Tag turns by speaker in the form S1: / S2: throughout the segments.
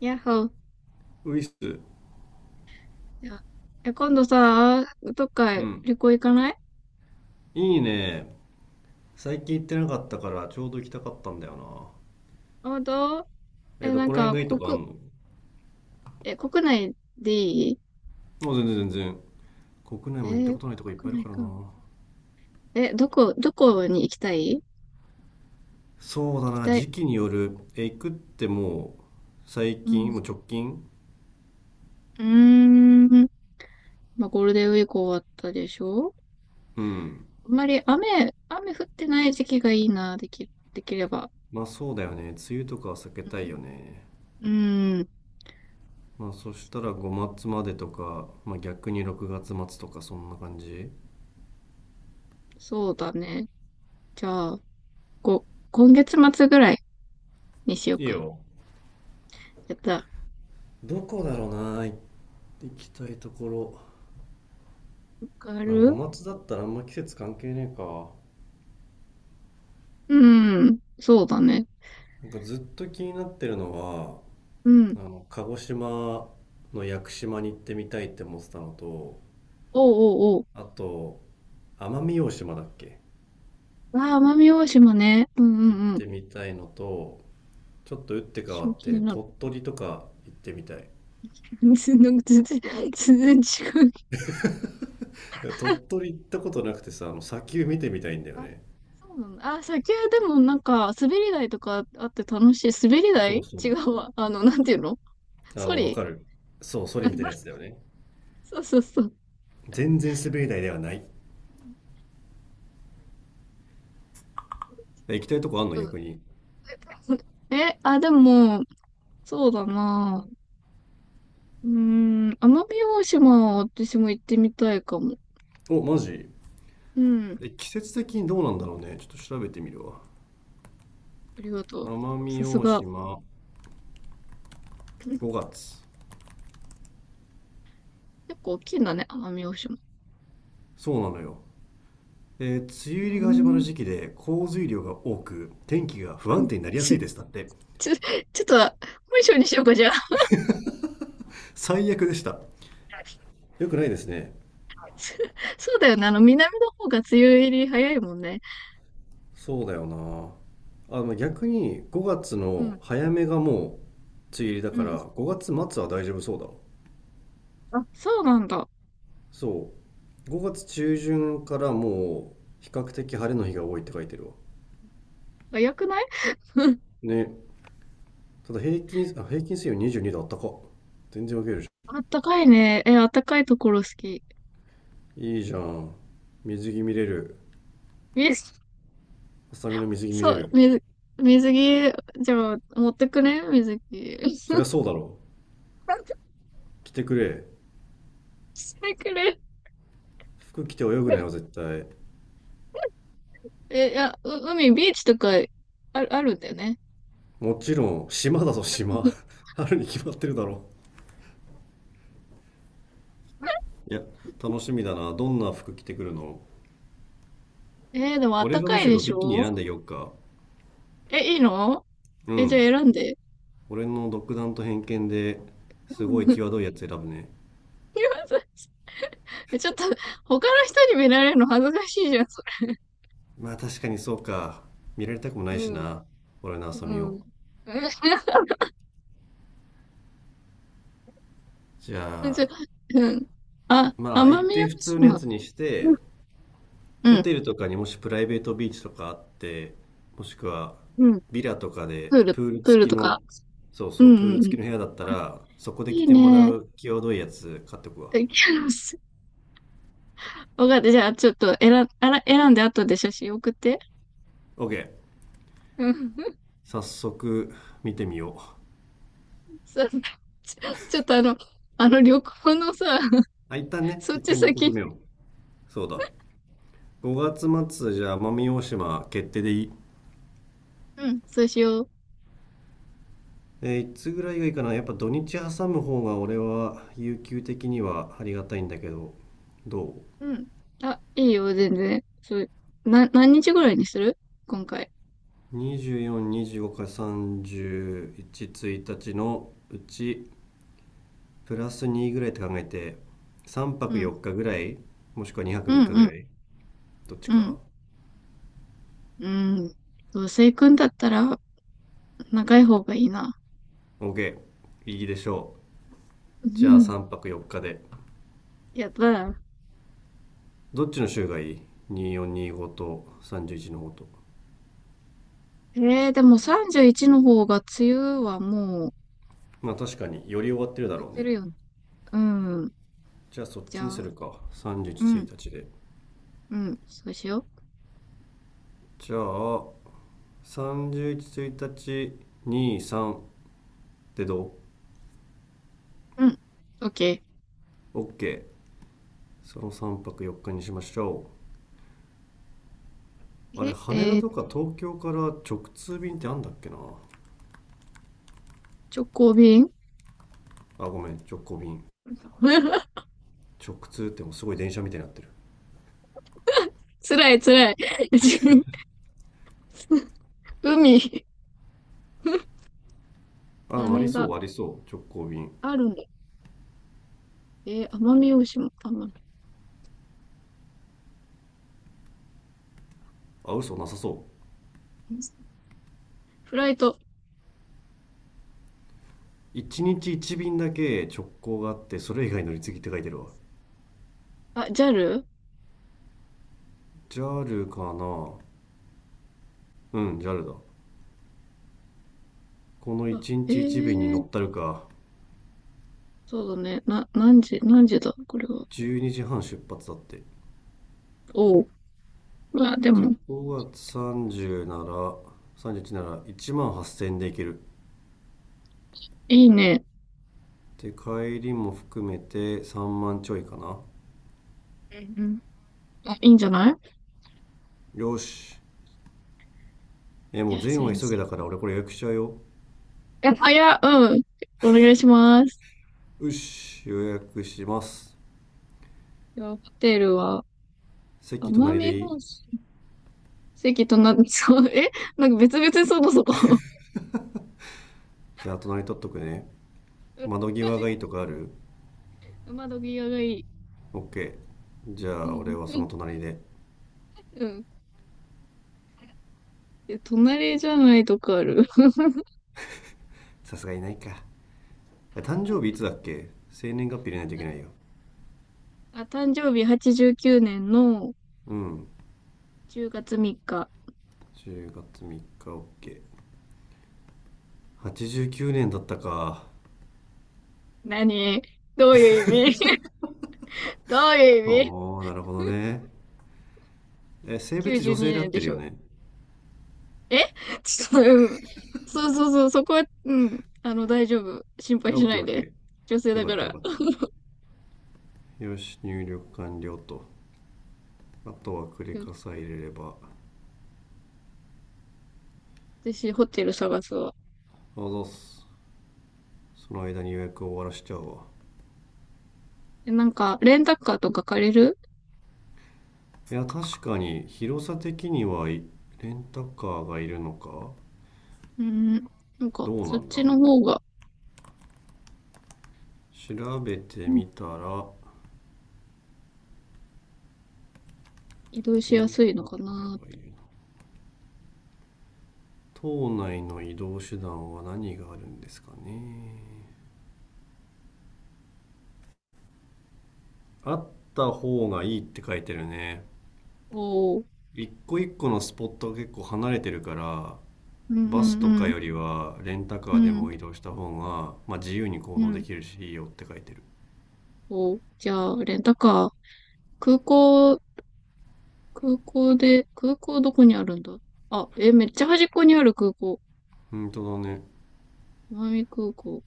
S1: やっほー。
S2: ウィス。
S1: じゃあ今度さ、どっ
S2: う
S1: か
S2: ん。
S1: 旅行行かない？
S2: いいね。最近行ってなかったからちょうど行きたかったんだよ
S1: どう？
S2: な。え、ど
S1: なん
S2: こら辺
S1: か、
S2: がいいとかあんの？
S1: 国内でいい？
S2: もう全然全然。国内
S1: え
S2: も行った
S1: ー
S2: ことないとこいっぱ
S1: 国
S2: いいる
S1: 内
S2: から
S1: か。
S2: な。
S1: え、どこ、どこに行きたい？
S2: そうだ
S1: 行き
S2: な、
S1: たい。
S2: 時期によ
S1: どこ？
S2: る。え、行くってもう最
S1: う
S2: 近、
S1: ん。
S2: もう直近。
S1: うーん。まあ、ゴールデンウィーク終わったでしょ？
S2: うん。
S1: あんまり雨降ってない時期がいいな、できれば。
S2: まあそうだよね。梅雨とかは避け
S1: う
S2: た
S1: ん。
S2: いよね。
S1: うん。
S2: まあそしたら5月までとか、まあ逆に6月末とかそんな感じ。
S1: そうだね。じゃあ、こ、今月末ぐらいにしよう
S2: いい
S1: か。
S2: よ。
S1: やった。わ
S2: どこだろうな、行きたいところ。
S1: か
S2: なんかご
S1: る。
S2: まつだったらあんま季節関係ねえか。
S1: うん。そうだね。
S2: なんかずっと気になってるのは、
S1: うん。
S2: 鹿児島の屋久島に行ってみたいって思ってたのと、
S1: おうおうお
S2: あと、奄美大島だっけ、
S1: う。ああ、奄美大島ね。うんう
S2: 行っ
S1: んうん。
S2: てみたいのと、ちょっと打って変
S1: 私
S2: わ
S1: も
S2: っ
S1: 気に
S2: て
S1: なる。
S2: 鳥取とか行ってみたい。
S1: なんか全然違う。
S2: いや鳥取行ったことなくてさ、砂丘見てみたいんだよ
S1: あ、
S2: ね。
S1: そうなんだ。あ、先はでもなんか、滑り台とかあって楽しい。滑り
S2: そう
S1: 台
S2: そ
S1: 違
S2: う。
S1: うわ。あの、なんていうの？ソ
S2: わ
S1: リ。
S2: かる。そう、ソリみたいなやつだ よね。
S1: そうそうそう。
S2: 全然滑り台ではない。行きたいとこあ
S1: ち
S2: んの
S1: ょっと、
S2: 逆に？
S1: あ、でも、そうだな。うーん、奄美大島は私も行ってみたいかも。
S2: お、マジ
S1: うん。
S2: で？季節的にどうなんだろうね。ちょっと調べてみるわ。
S1: ありがとう。
S2: 奄美
S1: さす
S2: 大
S1: が。
S2: 島5月。
S1: 結構大きいんだね、奄美大島。
S2: そうなのよ。梅
S1: う
S2: 雨入りが始まる
S1: ー
S2: 時
S1: ん。
S2: 期で降水量が多く、天気が不安定になりやす
S1: ち、
S2: いです。だって。
S1: ち、ちょっと、本性にしようか、じゃあ。
S2: 最悪でした。よくないですね。
S1: そそうだよね。あの、南の方が梅雨入り早いもんね。
S2: そうだよな。あ、でも逆に5月
S1: う
S2: の
S1: ん。
S2: 早めがもう梅雨入りだ
S1: う
S2: か
S1: ん。
S2: ら、5月末は大丈夫そうだ。
S1: あ、そうなんだ。
S2: そう。5月中旬からもう比較的晴れの日が多いって書いてるわ。
S1: 早くない？
S2: ね。ただ平均平均水温22度。あったか？全然分けるじ
S1: あったかいね。あったかいところ好き。
S2: ゃん。いいじゃん。水着見れる？
S1: 水、
S2: ハサミの水着見
S1: そ
S2: れ
S1: う、
S2: る？
S1: 水着、じゃあ、持ってくね水着。
S2: そりゃそうだろう。 着てくれ。
S1: してくれ。
S2: 服着て泳ぐなよ絶対。
S1: いや、海、ビーチとか、あるんだよね。
S2: もちろん島だぞ島。 春に決まってるだろ。いや、楽しみだな。どんな服着てくるの？
S1: でもあっ
S2: 俺
S1: た
S2: が
S1: か
S2: む
S1: い
S2: し
S1: で
S2: ろ
S1: し
S2: ビキニ選ん
S1: ょ？
S2: でよっか？
S1: いいの？
S2: う
S1: じゃ
S2: ん。
S1: あ選んで。
S2: 俺の独断と偏見で
S1: う
S2: すごい
S1: ん、い
S2: 際どいやつ選ぶね。
S1: やそれ。 ちょっと、他の人に見られるの恥ずかしいじゃん、それ。
S2: まあ確かにそうか。見られたくもないし
S1: うん。
S2: な、俺のハサミ
S1: う
S2: を。
S1: ん。
S2: じ
S1: え、ち
S2: ゃ
S1: ょ、
S2: あ、
S1: うん。あ、
S2: まあ、一
S1: 奄美
S2: 定普
S1: 大
S2: 通のや
S1: 島。
S2: つにし
S1: う
S2: て、
S1: ん。う
S2: ホ
S1: ん。
S2: テルとかにもしプライベートビーチとかあって、もしくは
S1: うん。
S2: ビラとかでプール
S1: プー
S2: 付
S1: ル
S2: き
S1: とか。
S2: の、そう
S1: うん
S2: そ
S1: う
S2: う、プール
S1: んう
S2: 付
S1: ん。
S2: きの部屋だった
S1: あ、
S2: ら、そこで着
S1: いい
S2: てもら
S1: ね。
S2: う際どいやつ買っておく わ。
S1: キャロス。わかった。じゃあ、ちょっとあら、選んで後で写真送って。
S2: OK。
S1: うん。
S2: 早速見てみよう。
S1: そう。ちょっとあの旅行のさ、
S2: あ、一旦ね、
S1: そっ
S2: 一
S1: ち
S2: 旦旅行
S1: 先
S2: 決
S1: に。
S2: めよう。そうだ。5月末じゃあ奄美大島決定でいい？
S1: うん、そうしよう。
S2: いつぐらいがいいかな。やっぱ土日挟む方が俺は有給的にはありがたいんだけど、どう？
S1: うん。あ、いいよ、全然。そう、何日ぐらいにする？今回。
S2: 24、25から31、1日のうちプラス2ぐらいって考えて、3
S1: う
S2: 泊
S1: ん。
S2: 4日ぐらい、もしくは2泊
S1: うん、
S2: 3日ぐ
S1: うん、
S2: らい、どっち
S1: う
S2: か。
S1: ん。うん。どうせ行くんだったら、長い方がいいな。
S2: OK、 いいでしょ
S1: う
S2: う。じゃあ
S1: ん。
S2: 3泊4日で。
S1: やった。
S2: どっちの週がいい？24、25と31の方と。
S1: えでも31の方が、梅雨はもう、
S2: まあ確かにより終わってる
S1: 明
S2: だ
S1: け
S2: ろう
S1: て
S2: ね。
S1: るよね。うん。
S2: じゃあそっ
S1: じ
S2: ち
S1: ゃ
S2: にす
S1: あ、
S2: るか、311
S1: うん、
S2: 日で。
S1: うん、そうしよ
S2: じゃあ31、1日23でど
S1: う。うん。オッケ
S2: う？ ?OK。 その3泊4日にしましょう。あ
S1: ー。
S2: れ、羽田とか東京から直通便ってあんだっけな。
S1: 直行便。
S2: あ、ごめん、直行便。 直通ってもうすごい電車みたいになってる。
S1: 辛い、辛い。海、
S2: あ、あり
S1: 羽
S2: そ
S1: 田、
S2: うありそう、直行便。
S1: あるんだ。奄美大島、奄美。
S2: あ、嘘、なさそ
S1: フライト、
S2: う。1日1便だけ直行があってそれ以外乗り継ぎって書いてるわ。
S1: あ、JAL？
S2: JAL かな。うん、 JAL だ。この
S1: あ、
S2: 1
S1: ええ
S2: 日1便に乗
S1: ー、
S2: ったるか。
S1: そうだね。な、何時、何時だ、これは。
S2: 12時半出発だって。
S1: おう。うわ、で
S2: で
S1: も、
S2: 5月30なら31なら1 8000円で行ける。
S1: いいね。
S2: で帰りも含めて3万ちょいかな。
S1: うんうん。あ、いいんじゃない？
S2: よし、
S1: じ
S2: も
S1: ゃ
S2: う
S1: あ、そ
S2: 全
S1: れ
S2: は
S1: に
S2: 急
S1: し
S2: げ
S1: よ
S2: だから俺これ予約しちゃうよ。
S1: う。あ、いや、うん。お願いします。
S2: よし、予約します。
S1: じゃあ、ホテルは、
S2: 席
S1: 奄
S2: 隣
S1: 美
S2: でいい？
S1: 大島。席とな、そう、なんか別々にそこそこ。
S2: じゃあ隣取っとくね。
S1: うん、
S2: 窓際がいいとかある？
S1: 窓際がいい。
S2: ?OK。 じゃ
S1: う
S2: あ俺はその
S1: ん
S2: 隣で。
S1: うん。で、隣じゃないとこある？
S2: さすがにないか。誕生日いつだっけ、生年月日入れないといけないよ。
S1: あ、誕生日89年の
S2: うん。
S1: 10月3日。
S2: 10月3日。 OK、89 年だったか？
S1: 何？どういう意味？ どういう意味？
S2: おお、なるほどね。え、性別女
S1: 92
S2: 性で合
S1: 年
S2: っ
S1: で
S2: てる
S1: し
S2: よ
S1: ょ？
S2: ね？
S1: えちょっと、うん。そうそうそう、そこは、うん。あの、大丈夫。心配しないで。女性
S2: OKOK。 よ
S1: だ
S2: か
S1: か
S2: ったよ
S1: ら。
S2: かった。よし、入力完了と。あとはクレ
S1: よ
S2: カさえ入れれば。
S1: 私、ホテル探すわ。
S2: あざっす。その間に予約を終わらしちゃうわ。
S1: なんか、レンタカーとか借りる？
S2: いや、確かに広さ的にはレンタカーがいるのか。
S1: うん。なんか、
S2: どう
S1: そ
S2: な
S1: っ
S2: んだ、
S1: ちの方が、
S2: 調べて
S1: うん、
S2: みたら、
S1: 移動し
S2: レ
S1: や
S2: ン
S1: すいの
S2: タカ
S1: かな。
S2: ーがいるな。島内の移動手段は何があるんですかね。あった方がいいって書いてるね。
S1: おー。
S2: 一個一個のスポットが結構離れてるから、
S1: うんうん
S2: バスとか
S1: うん。
S2: よりはレンタカ
S1: う
S2: ーで
S1: ん。
S2: も移動した方が、まあ、自由に行
S1: う
S2: 動
S1: ん。
S2: できるしいいよって書いてる。
S1: おー。じゃあ、レンタカー。空港空港で、空港どこにあるんだ？あ、めっちゃ端っこにある空港。
S2: 本当だね。
S1: 奄美空港。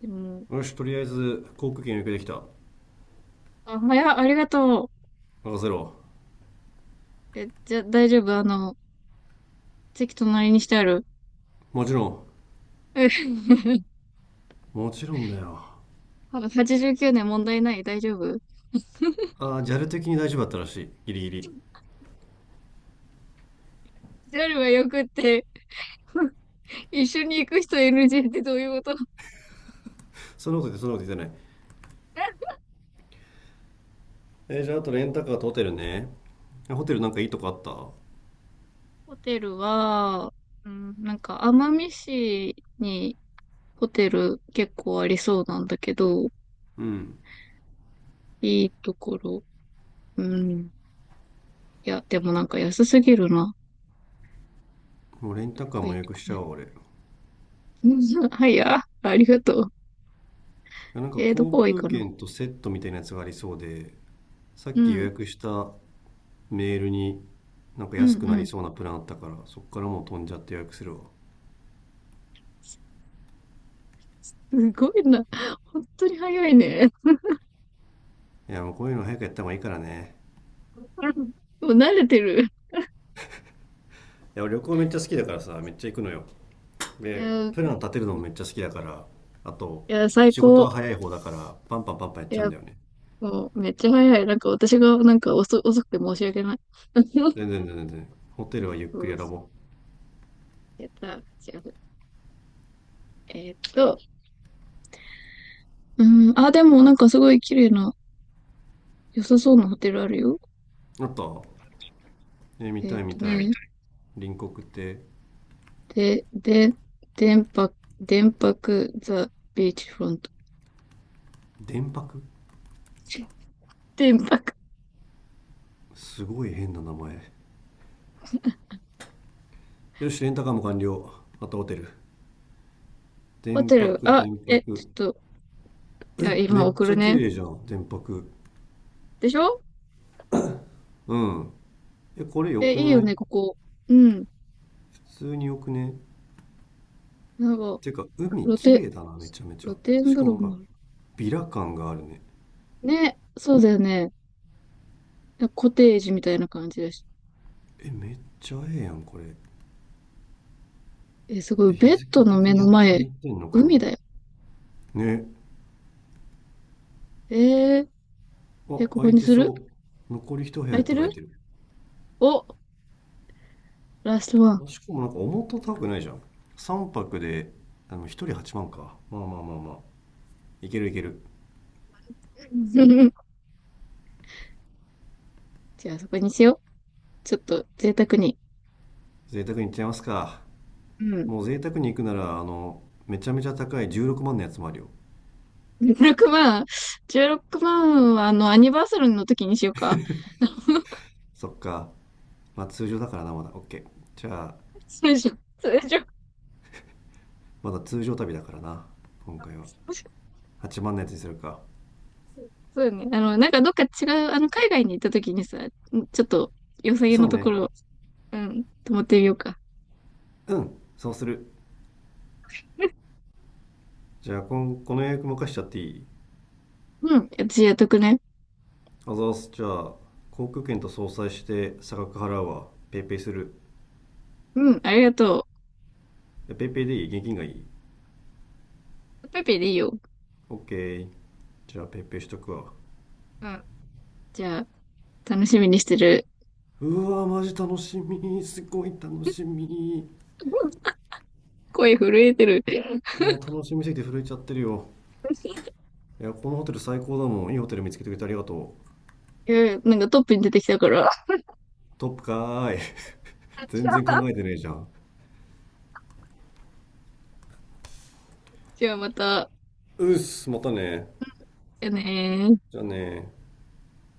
S1: でも、
S2: よし、とりあえず航空券予約できた。
S1: あ、早っ、ありがと
S2: 任せろ。
S1: う。じゃ、大丈夫？あの、席隣にしてある？
S2: もちろん。 もちろんだよ。
S1: 89年問題ない。大丈夫？
S2: ああ、ジャル的に大丈夫だったらしいギリギリ。
S1: JAL はよくって、一緒に行く人 NG ってどういうこと？
S2: そんなこと言って、そんなこと言ってない。じゃあ、あとレンタカーとホテルね。ホテルなんかいいとこあった？
S1: ホテルは、うん、なんか、奄美市にホテル結構ありそうなんだけど、
S2: うん。
S1: いいところ。うん。いや、でもなんか安すぎるな。
S2: もうレンタカー
S1: 低
S2: も
S1: い
S2: 予
S1: と
S2: 約
S1: こ
S2: しちゃ
S1: ね。
S2: おう俺。
S1: うん、はい、あ、ありがとう。
S2: なんか
S1: ど
S2: 航
S1: こがいい
S2: 空
S1: かな。
S2: 券とセットみたいなやつがありそうで、さっ
S1: う
S2: き予
S1: ん、
S2: 約したメールになんか
S1: う
S2: 安くなり
S1: ん、
S2: そうなプランあったからそっからもう飛んじゃって予約するわ。
S1: うん。すごいな。本当に早いね。
S2: いや、もうこういうの早くやった方がいいからね。
S1: うん、もう慣れてる。
S2: いや俺旅行めっちゃ好きだからさ、めっちゃ行くのよ。
S1: い
S2: で、
S1: や、
S2: プラン
S1: い
S2: 立てるのもめっちゃ好きだから、あと
S1: や、最
S2: 仕事
S1: 高。
S2: は早い方だからパンパンパンパンやっ
S1: い
S2: ちゃう
S1: や、
S2: んだよね。
S1: もう、めっちゃ早い。なんか、私が、なんか遅くて申し訳ない。よ
S2: 全然全然全然、ホテルはゆっくり選
S1: し、
S2: ぼう。
S1: やった。じゃあ、えーっと、うん、あ、でも、なんか、すごい綺麗な、良さそうなホテルあるよ。
S2: あと、え、見
S1: えー
S2: た
S1: っ
S2: い見
S1: と
S2: た
S1: ね、
S2: い。隣国って。
S1: で、電波、電波ザ・ビーチフロント。
S2: 電泊。
S1: 天白
S2: すごい変な名前。よしレンタカーも完了。あとホテル。
S1: ホ
S2: 電
S1: テル。
S2: 泊
S1: あ、
S2: 電泊。
S1: ちょっと、い
S2: え、
S1: や、今
S2: めっ
S1: 送
S2: ち
S1: る
S2: ゃ綺
S1: ね。
S2: 麗じゃん電泊。
S1: でしょ？
S2: うん。え、これ良く
S1: いいよ
S2: ない？
S1: ね、ここ。うん。
S2: 普通に良くね？
S1: なんか、
S2: てか、海
S1: 露
S2: 綺
S1: 天、
S2: 麗だな、めちゃめちゃ。
S1: 露天
S2: し
S1: 風
S2: か
S1: 呂
S2: もなん
S1: も
S2: か、
S1: ある。
S2: ビラ感があるね。
S1: ね、そうだよね。コテージみたいな感じだし。
S2: え、めっちゃええやん、これ。
S1: すごい。
S2: え、日
S1: ベッ
S2: 付
S1: ドの
S2: 的
S1: 目
S2: に
S1: の前、
S2: 空いてんのか？
S1: 海だよ。
S2: なね。
S1: えー、
S2: あ、
S1: ここ
S2: 空い
S1: に
S2: て
S1: する？
S2: そう。残り一部
S1: 空
S2: 屋っ
S1: いて
S2: て書
S1: る？
S2: いてる。
S1: お、ラストワン。
S2: あ、しかもなんか思った高くないじゃん。3泊で、1人8万か。まあまあまあまあ。いけるいける。
S1: じゃあ、そこにしよう。ちょっと、贅沢に。
S2: 贅沢に行っちゃいますか。
S1: うん。
S2: もう贅沢に行くなら、めちゃめちゃ高い16万のやつもあるよ。
S1: 16万。16万は、あの、アニバーサルの時にしようか。
S2: そっか。まあ通常だからな、まだ OK。 じゃあ、
S1: 通常、通常。
S2: まだ通常旅だからな今回は。 8万のやつにするか。
S1: そうよね。あの、なんかどっか違う、あの、海外に行った時にさ、ちょっと良さげ
S2: そ
S1: の
S2: う
S1: とこ
S2: ね。
S1: ろ、うん、泊まってみようか。
S2: うん、そうする。じゃあ、この予約任しちゃっていい？
S1: うん、私やっとくね。
S2: あざーす。じゃあ航空券と相殺して差額払うわ、ペイペイする。
S1: うん、ありがと
S2: え、ペイペイでいい？現金がいい？
S1: う。ペペでいいよ。
S2: OK。 じゃあペイペイしとくわ。
S1: うん、じゃあ、楽しみにしてる。
S2: うわー、マジ楽しみ、すごい楽しみ。
S1: うん、声震えてる。
S2: もう楽しみすぎて震えちゃってるよ。 いや、このホテル最高だもん。いいホテル見つけてくれてありがとう。
S1: うん、なんかトップに出てきたから。
S2: トップかーい。全然 考えてねえじゃん。
S1: じゃあまた、
S2: うっす、またね。
S1: やねー。
S2: じゃあね。